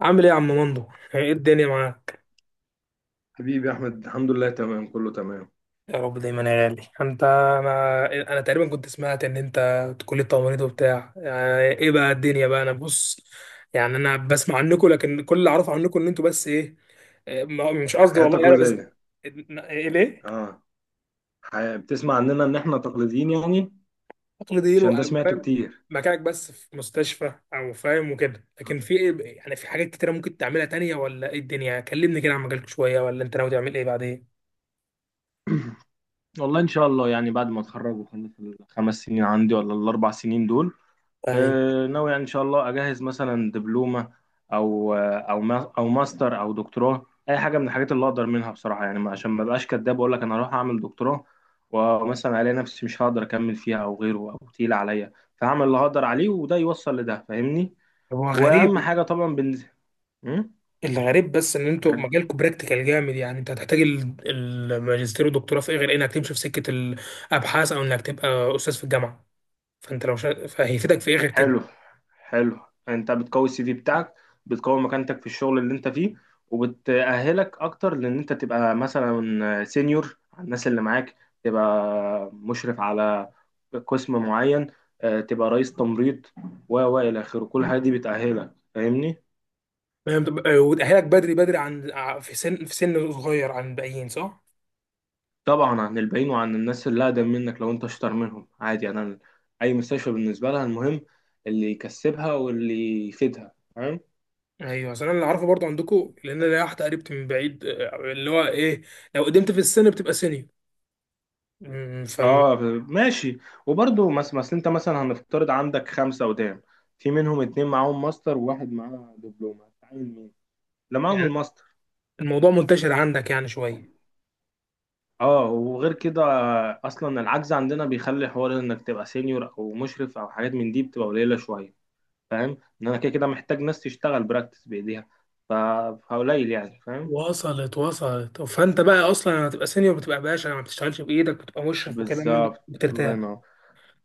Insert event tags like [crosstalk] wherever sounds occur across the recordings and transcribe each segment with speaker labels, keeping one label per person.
Speaker 1: عامل ايه يا عم مندو؟ ايه الدنيا معاك؟
Speaker 2: حبيبي يا احمد، الحمد لله، تمام كله تمام.
Speaker 1: يا رب دايما يا غالي. انت انا انا تقريبا كنت سمعت انت كلية تمريض وبتاع، يعني ايه بقى الدنيا بقى؟ انا بص، يعني انا بسمع عنكم لكن كل اللي اعرفه عنكم ان انتوا بس ايه، إيه، ما- مش قصدي
Speaker 2: حياة
Speaker 1: والله، انا بس
Speaker 2: تقليدية.
Speaker 1: ايه ليه.
Speaker 2: اه، حياة بتسمع عننا ان احنا تقليديين، يعني
Speaker 1: تقليديين
Speaker 2: عشان ده سمعته
Speaker 1: فاهم،
Speaker 2: كتير.
Speaker 1: مكانك بس في مستشفى او فاهم وكده، لكن في ايه يعني، في حاجات كتيرة ممكن تعملها تانية ولا ايه الدنيا؟ كلمني كده عن مجالك شوية، ولا انت ناوي تعمل ايه بعدين؟
Speaker 2: والله، ان شاء الله، يعني بعد ما اتخرج وخلص الـ5 سنين عندي ولا الـ4 سنين دول،
Speaker 1: يعني
Speaker 2: آه، ناوي يعني ان شاء الله اجهز مثلا دبلومه او او ماستر او دكتوراه، اي حاجه من الحاجات اللي اقدر منها. بصراحه يعني عشان ما بقاش كداب اقول لك انا هروح اعمل دكتوراه، ومثلا الاقي نفسي مش هقدر اكمل فيها او غيره او تقيل عليا، فهعمل اللي هقدر عليه وده يوصل لده، فاهمني؟
Speaker 1: هو
Speaker 2: واهم
Speaker 1: غريب،
Speaker 2: حاجه طبعا بالنسبه. مم؟
Speaker 1: الغريب بس ان انتوا
Speaker 2: كاري.
Speaker 1: مجالكم براكتيكال جامد، يعني انت هتحتاج الماجستير والدكتوراه في ايه غير انك تمشي في سكه الابحاث او انك تبقى استاذ في الجامعه؟ فانت لو فهيفيدك في ايه غير كده؟
Speaker 2: حلو. حلو. انت بتقوي السي في بتاعك، بتقوي مكانتك في الشغل اللي انت فيه، وبتأهلك اكتر، لان انت تبقى مثلا سينيور على الناس اللي معاك، تبقى مشرف على قسم معين، آه، تبقى رئيس تمريض و الى اخره. كل الحاجات دي بتأهلك، فاهمني؟
Speaker 1: فاهم؟ وتاهلك بدري بدري عن في سن، في سن صغير عن الباقيين، صح؟
Speaker 2: طبعا عن الباقيين وعن الناس اللي اقدم منك، لو انت اشطر منهم عادي، يعني انا اي مستشفى بالنسبه لها، المهم اللي يكسبها واللي يفيدها.
Speaker 1: ايوه، اصل انا اللي عارفه برضه عندكم، لان انا واحده قريبتي من بعيد، آه، اللي هو ايه، لو قدمت في السن بتبقى سينيور. أمم، فم
Speaker 2: اه، ماشي. وبرضه مثلا انت مثلا هنفترض عندك 5 قدام، في منهم 2 معاهم ماستر وواحد معاه دبلومه، هتعين مين؟ لا، معاهم
Speaker 1: يعني
Speaker 2: الماستر.
Speaker 1: الموضوع منتشر عندك يعني شويه.
Speaker 2: اه، وغير كده اصلا العجز عندنا بيخلي حوار انك تبقى سينيور او مشرف او حاجات من دي بتبقى قليله شويه. فاهم؟ ان انا كده كده محتاج ناس تشتغل براكتس بايديها، ف- فقليل يعني. فاهم؟
Speaker 1: وصلت وصلت، فانت بقى اصلا هتبقى سينيور، بتبقى باشا، ما بتشتغلش بايدك، بتبقى مشرف وكلام من ده،
Speaker 2: بالظبط. الله
Speaker 1: بترتاح.
Speaker 2: ينور.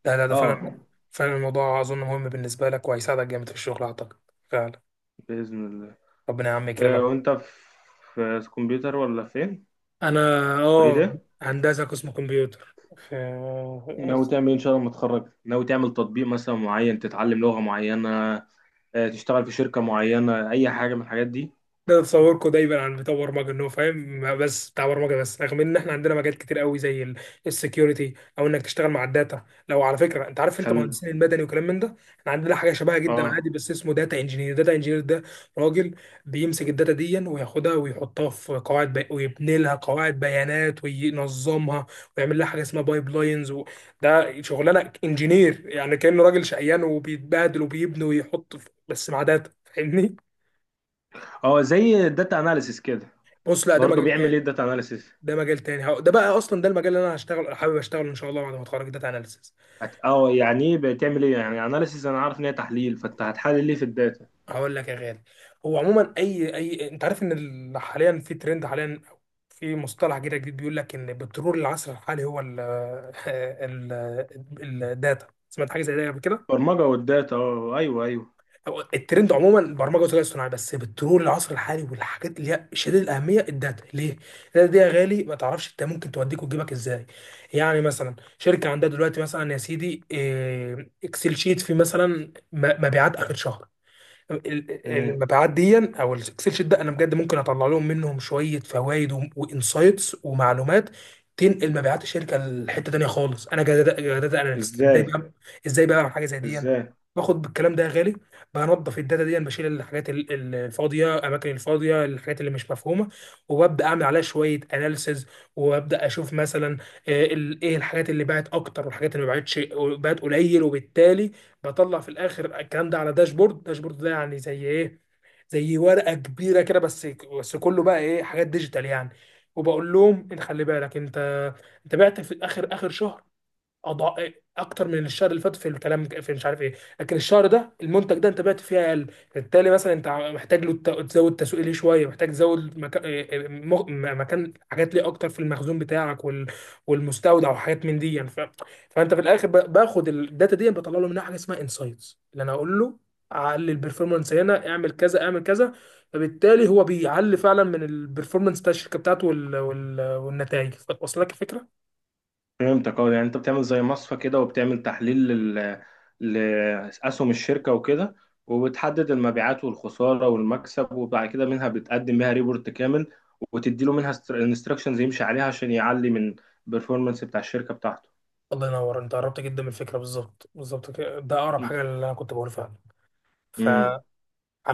Speaker 1: لا لا، ده
Speaker 2: اه،
Speaker 1: فعلا، فعلا الموضوع اظن مهم بالنسبه لك، وهيساعدك جامد في الشغل اعتقد، فعلا.
Speaker 2: باذن الله.
Speaker 1: ربنا يا عم
Speaker 2: آه،
Speaker 1: يكرمك.
Speaker 2: وانت في كمبيوتر ولا فين؟
Speaker 1: انا
Speaker 2: كليه
Speaker 1: اه،
Speaker 2: إيه؟
Speaker 1: هندسه قسم كمبيوتر في.
Speaker 2: ناوي تعمل ايه ان شاء الله لما تتخرج؟ ناوي تعمل تطبيق مثلا معين، تتعلم لغة معينة، آه، تشتغل في شركة معينة، اي حاجة من الحاجات دي؟
Speaker 1: ده تصوركم دايما عن بتاع برمجه، ان هو فاهم بس بتاع برمجه بس، رغم ان احنا عندنا مجالات كتير قوي زي السكيورتي، او انك تشتغل مع الداتا. لو على فكره انت عارف، انت
Speaker 2: خل
Speaker 1: مهندسين المدني وكلام من ده، احنا عندنا حاجه شبهها جدا
Speaker 2: اه.
Speaker 1: عادي، بس اسمه داتا انجينير. داتا انجينير ده راجل بيمسك الداتا دي وياخدها ويحطها في ويبني لها قواعد بيانات وينظمها، ويعمل لها حاجه اسمها بايب لاينز ده شغلانه انجينير، يعني كانه راجل شقيان، وبيتبادل وبيبني ويحط بس مع داتا، فاهمني؟
Speaker 2: اه، زي الداتا اناليسيس كده.
Speaker 1: بص لا، ده
Speaker 2: برضه
Speaker 1: مجال
Speaker 2: بيعمل
Speaker 1: تاني،
Speaker 2: ايه الداتا اناليسيس؟
Speaker 1: ده مجال تاني، ده بقى اصلا ده المجال اللي انا هشتغل حابب اشتغله ان شاء الله بعد ما اتخرج، داتا اناليسيس.
Speaker 2: اه، يعني ايه بتعمل ايه يعني اناليسيس؟ انا عارف ان هي تحليل، فانت هتحلل ليه في الداتا؟
Speaker 1: هقول لك يا غالي، هو عموما اي انت عارف ان حاليا في ترند، حاليا في مصطلح كده جديد، بيقول لك ان بترول العصر الحالي هو ال [laughs] الداتا. سمعت حاجه زي ده قبل كده؟
Speaker 2: برمجة والداتا. اه، ايوه، ايوه.
Speaker 1: هو الترند عموما البرمجه والذكاء الاصطناعي، بس بترول العصر الحالي والحاجات اللي هي شديد الاهميه الداتا. ليه؟ الداتا دي يا غالي ما تعرفش انت، ممكن توديك وتجيبك ازاي. يعني مثلا شركه عندها دلوقتي مثلا يا سيدي، اكسل شيت فيه مثلا مبيعات اخر شهر.
Speaker 2: مم.
Speaker 1: المبيعات دي او الاكسل شيت ده، انا بجد ممكن اطلع لهم منهم شويه فوائد وانسايتس ومعلومات تنقل مبيعات الشركه لحته تانيه خالص. انا جداد اناليست ازاي
Speaker 2: ازاي؟
Speaker 1: بقى؟ ازاي بقى بعمل حاجه زي دي؟
Speaker 2: ازاي؟
Speaker 1: باخد بالكلام ده يا غالي، بنظف الداتا دي، بشيل الحاجات الفاضيه، الاماكن الفاضيه، الحاجات اللي مش مفهومه، وببدا اعمل عليها شويه اناليسز، وابدا اشوف مثلا، ايه الحاجات اللي باعت اكتر والحاجات اللي ما باعتش، باعت قليل، وبالتالي بطلع في الاخر الكلام ده على داشبورد. داشبورد ده يعني زي ايه؟ زي ورقه كبيره كده، بس كله بقى ايه، حاجات ديجيتال يعني، وبقول لهم انت خلي بالك، انت انت بعت في اخر شهر أضع... اكتر من الشهر اللي فات في الكلام، في مش عارف ايه، لكن الشهر ده المنتج ده انت بعت فيه اقل، بالتالي مثلا انت محتاج له تزود تسويق ليه شويه، محتاج تزود مكان حاجات ليه اكتر في المخزون بتاعك والمستودع وحاجات من دي يعني، فانت في الاخر باخد الداتا دي، بطلع له منها حاجه اسمها انسايتس، اللي انا اقول له علي البرفورمانس، هنا اعمل كذا اعمل كذا، فبالتالي هو بيعلي فعلا من البرفورمانس بتاع الشركه بتاعته والنتائج. واصل لك الفكره؟
Speaker 2: فهمتك. اه، يعني انت بتعمل زي مصفى كده، وبتعمل تحليل لأسهم الشركة وكده، وبتحدد المبيعات والخسارة والمكسب، وبعد كده منها بتقدم بيها ريبورت كامل، وتدي له منها انستراكشنز يمشي عليها عشان يعلي من البرفورمانس بتاع الشركة بتاعته.
Speaker 1: الله ينور، انت قربت جدا من الفكره، بالظبط بالظبط كده، ده اقرب حاجه اللي انا كنت بقوله، فعلا.
Speaker 2: امم.
Speaker 1: فعلى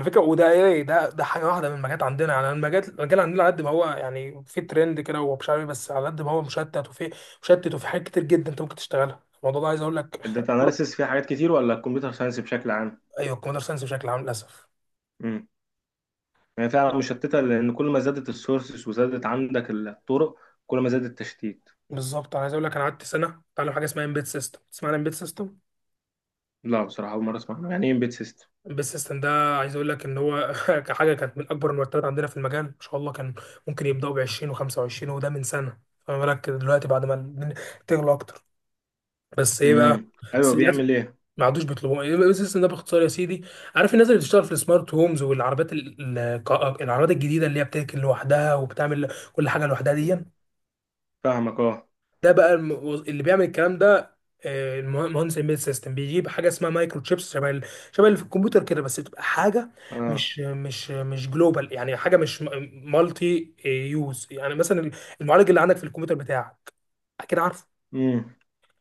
Speaker 1: فكره، وده ايه ده، ده حاجه واحده من المجالات عندنا، يعني المجال عندنا على قد ما هو يعني في ترند كده، ومش عارف بس على قد ما هو مشتت، وفي حاجات كتير جدا انت ممكن تشتغلها، الموضوع ده عايز اقول لك [laughs]
Speaker 2: الداتا اناليسيس فيها حاجات كتير ولا الكمبيوتر ساينس بشكل عام؟
Speaker 1: ايوه، الكمبيوتر ساينس بشكل عام للاسف.
Speaker 2: امم. هي فعلا مشتتة، لأن كل ما زادت السورسز وزادت عندك الطرق، كل ما زاد التشتيت.
Speaker 1: بالظبط، انا عايز اقول لك انا قعدت سنه اتعلم حاجه اسمها امبيد سيستم. تسمع عن امبيد سيستم؟
Speaker 2: لا، بصراحة أول مرة أسمع عنه. يعني إيه امبيد سيستم؟
Speaker 1: البيست سيستم ده عايز اقول لك ان هو [laughs] كحاجه كانت من اكبر المرتبات عندنا في المجال ما شاء الله، كان ممكن يبداوا ب 20 و25، وده من سنه، فما بالك دلوقتي بعد ما الدنيا تغلى اكتر؟ بس ايه بقى،
Speaker 2: امم. أيوه،
Speaker 1: بس للاسف
Speaker 2: بيعمل إيه؟
Speaker 1: ما عادوش بيطلبوه. إيه البيست سيستم ده باختصار يا سيدي؟ عارف الناس اللي بتشتغل في السمارت هومز والعربيات العربيات الجديده اللي هي بتركن لوحدها وبتعمل كل حاجه لوحدها دي؟
Speaker 2: فاهمك. اه،
Speaker 1: ده بقى اللي بيعمل الكلام ده، مهندس امبيد سيستم، بيجيب حاجه اسمها مايكرو تشيبس، شبه شبه اللي في الكمبيوتر كده، بس تبقى حاجه
Speaker 2: اه.
Speaker 1: مش جلوبال، يعني حاجه مش مالتي يوز. يعني مثلا المعالج اللي عندك في الكمبيوتر بتاعك، اكيد عارفه
Speaker 2: امم.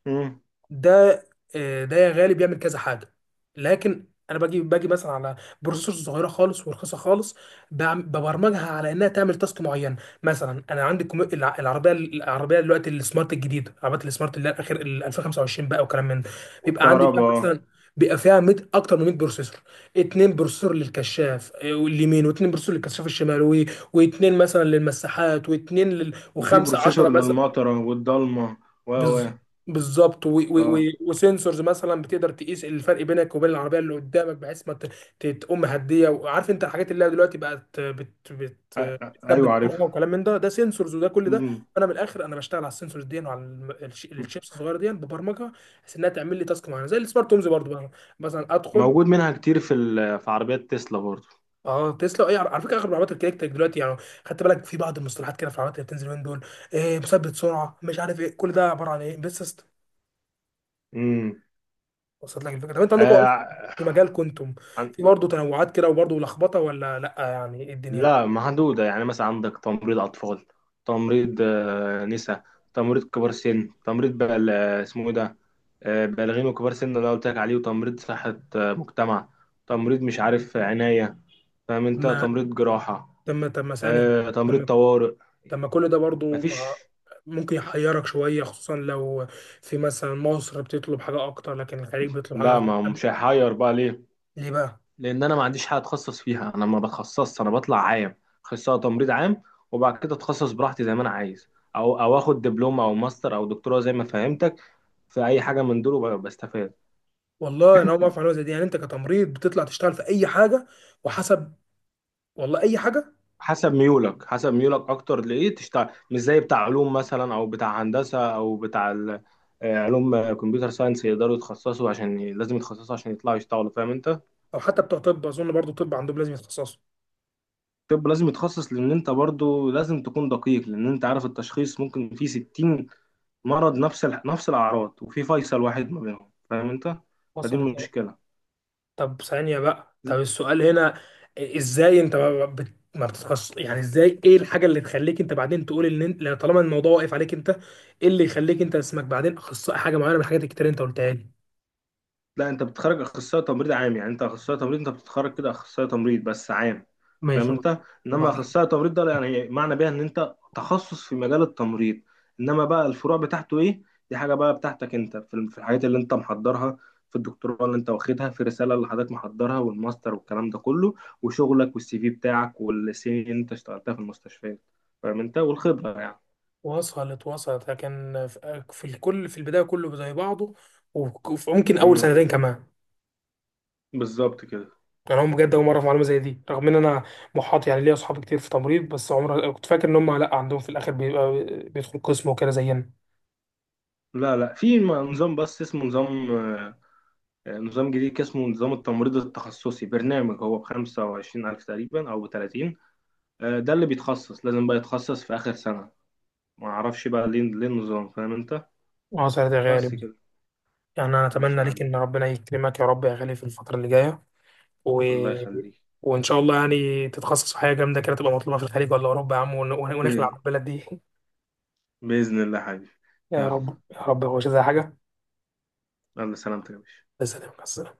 Speaker 2: امم.
Speaker 1: ده، آه، ده يا غالي بيعمل كذا حاجه، لكن انا باجي مثلا على بروسيسور صغيره خالص ورخيصه خالص، ببرمجها على انها تعمل تاسك معين. مثلا انا عندي العربيه، العربيه دلوقتي السمارت الجديده، العربيات السمارت اللي هي الاخير ال 2025 بقى وكلام من ده، بيبقى عندي فيها
Speaker 2: والكهرباء اه.
Speaker 1: مثلا، بيبقى فيها 100، اكتر من 100 بروسيسور، اتنين بروسيسور للكشاف آه، واليمين، واتنين بروسيسور للكشاف الشمال واتنين مثلا للمساحات، واتنين
Speaker 2: وفي
Speaker 1: وخمسه 10
Speaker 2: بروسيسور
Speaker 1: مثلا
Speaker 2: للمطره والضلمه و
Speaker 1: بز... بالظبط،
Speaker 2: اه.
Speaker 1: وسنسورز مثلا بتقدر تقيس الفرق بينك وبين العربيه اللي قدامك، بحيث ما تقوم هديه، وعارف انت الحاجات اللي هي دلوقتي بقت
Speaker 2: ايوه
Speaker 1: بتثبت سرعه
Speaker 2: عارف.
Speaker 1: وكلام من ده، ده سنسورز وده كل ده.
Speaker 2: امم.
Speaker 1: فانا من الاخر انا بشتغل على السنسورز دي وعلى الشيبس الصغيره دي، ببرمجها بحيث انها تعمل لي تاسك معينه زي السمارت هومز برضه بقى. مثلا ادخل.
Speaker 2: موجود منها كتير في في عربيات تسلا برضو.
Speaker 1: اه تسلا، اي، على على فكره اغلب العربيات الكليكتك دلوقتي يعني، خدت بالك في بعض المصطلحات كده في العربيات اللي بتنزل من دول، إيه مثبت سرعه، مش عارف ايه، كل ده عباره عن ايه بس.
Speaker 2: امم.
Speaker 1: وصلت لك الفكره؟ طب انتوا عندكم اصلا
Speaker 2: آه.
Speaker 1: في مجال كنتم
Speaker 2: عن-
Speaker 1: في برضه تنوعات كده وبرضه لخبطه ولا لا، يعني ايه الدنيا؟
Speaker 2: لا، محدوده، يعني مثلا عندك تمريض اطفال، تمريض نساء، تمريض كبار سن، تمريض بقى اسمه ايه ده؟ بالغين وكبار سن اللي أنا قلت لك عليه، وتمريض صحه مجتمع، تمريض مش عارف عنايه، فاهم انت؟
Speaker 1: ما
Speaker 2: تمريض جراحة،
Speaker 1: تم ثاني،
Speaker 2: تمريض
Speaker 1: تم
Speaker 2: طوارئ،
Speaker 1: تم كل ده برضه
Speaker 2: مفيش.
Speaker 1: ممكن يحيرك شويه، خصوصا لو في مثلا مصر بتطلب حاجه اكتر لكن الخليج بيطلب حاجه
Speaker 2: لا،
Speaker 1: اكتر
Speaker 2: ما مش هيحير بقى، ليه؟
Speaker 1: ليه بقى؟
Speaker 2: لان انا ما عنديش حاجة اتخصص فيها، انا ما بتخصصش، انا بطلع عام، اخصائي تمريض عام. وبعد كده اتخصص براحتي زي ما انا عايز، او اخد دبلومة او ماستر او دكتوراه زي ما فهمتك، في اي حاجة من دول، بستفاد.
Speaker 1: والله انا اول ما اعرف معلومه زي دي، يعني انت كتمريض بتطلع تشتغل في اي حاجه وحسب؟ والله اي حاجه،
Speaker 2: حسب ميولك، حسب ميولك اكتر لايه تشتغل. مش زي بتاع علوم مثلا او بتاع هندسة او بتاع علوم، كمبيوتر ساينس، يقدروا يتخصصوا عشان لازم يتخصصوا عشان يطلعوا يشتغلوا، فاهم انت؟
Speaker 1: او حتى بتوع طب اظن برضه طب عندهم لازم يتخصصوا.
Speaker 2: طب لازم يتخصص، لان انت برضو لازم تكون دقيق، لان انت عارف التشخيص ممكن في 60 مرض نفس الاعراض، وفي فيصل واحد ما بينهم، فاهم انت؟ فدي
Speaker 1: وصلت.
Speaker 2: المشكله.
Speaker 1: طب ثانية بقى، طب السؤال هنا، ازاي انت ما بتتخصص؟ يعني ازاي، ايه الحاجة اللي تخليك انت بعدين تقول ان انت، لو طالما الموضوع واقف عليك انت، ايه اللي يخليك انت اسمك بعدين اخصائي حاجة معينة من الحاجات الكتير اللي انت قلتها لي؟
Speaker 2: لا، انت بتتخرج اخصائي تمريض عام، يعني انت اخصائي تمريض، انت بتتخرج كده اخصائي تمريض بس عام،
Speaker 1: ماشي
Speaker 2: فاهم
Speaker 1: قول.
Speaker 2: انت؟ انما
Speaker 1: وبعدين؟
Speaker 2: اخصائي تمريض ده يعني معنى بيها ان انت تخصص في مجال التمريض. انما بقى الفروع بتاعته ايه؟ دي حاجه بقى بتاعتك انت، في الحاجات اللي انت محضرها، في الدكتوراه اللي انت واخدها، في الرساله اللي حضرتك محضرها والماستر والكلام ده كله، وشغلك والسي في بتاعك، والسنين اللي انت اشتغلتها في المستشفيات، فاهم انت؟ والخبره يعني.
Speaker 1: وصلت وصلت، لكن في الكل في البداية كله زي بعضه، وممكن اول
Speaker 2: امم.
Speaker 1: سنتين كمان.
Speaker 2: بالظبط كده.
Speaker 1: يعني هم بجد اول مرة في معلومة زي دي، رغم ان انا محاط يعني ليا اصحاب كتير في تمريض، بس عمر كنت فاكر ان هم لا، عندهم في الاخر بيبقى بيدخل قسم وكده زينا.
Speaker 2: لا، لا، في نظام، بس اسمه نظام، نظام جديد كده، اسمه نظام التمريض التخصصي، برنامج هو بخمسة وعشرين ألف تقريبا أو بـ30. ده اللي بيتخصص لازم بقى يتخصص في آخر سنة. ما أعرفش بقى ليه النظام، فاهم أنت؟
Speaker 1: اه سنتين غالي،
Speaker 2: بس كده.
Speaker 1: يعني أنا
Speaker 2: ماشي
Speaker 1: أتمنى
Speaker 2: يا
Speaker 1: ليك
Speaker 2: حبيبي.
Speaker 1: إن ربنا يكرمك يا رب يا غالي في الفترة اللي جاية، و...
Speaker 2: الله يخليك.
Speaker 1: وإن شاء الله يعني تتخصص في حاجة جامدة كده تبقى مطلوبة في الخليج ولا أوروبا يا عم،
Speaker 2: ب...
Speaker 1: ونخلع من البلد دي [laughs]
Speaker 2: بإذن الله يا حبيبي.
Speaker 1: يا
Speaker 2: يلا،
Speaker 1: رب يا رب، هو مش زي حاجة
Speaker 2: يلا، سلامتك يا باشا.
Speaker 1: بس.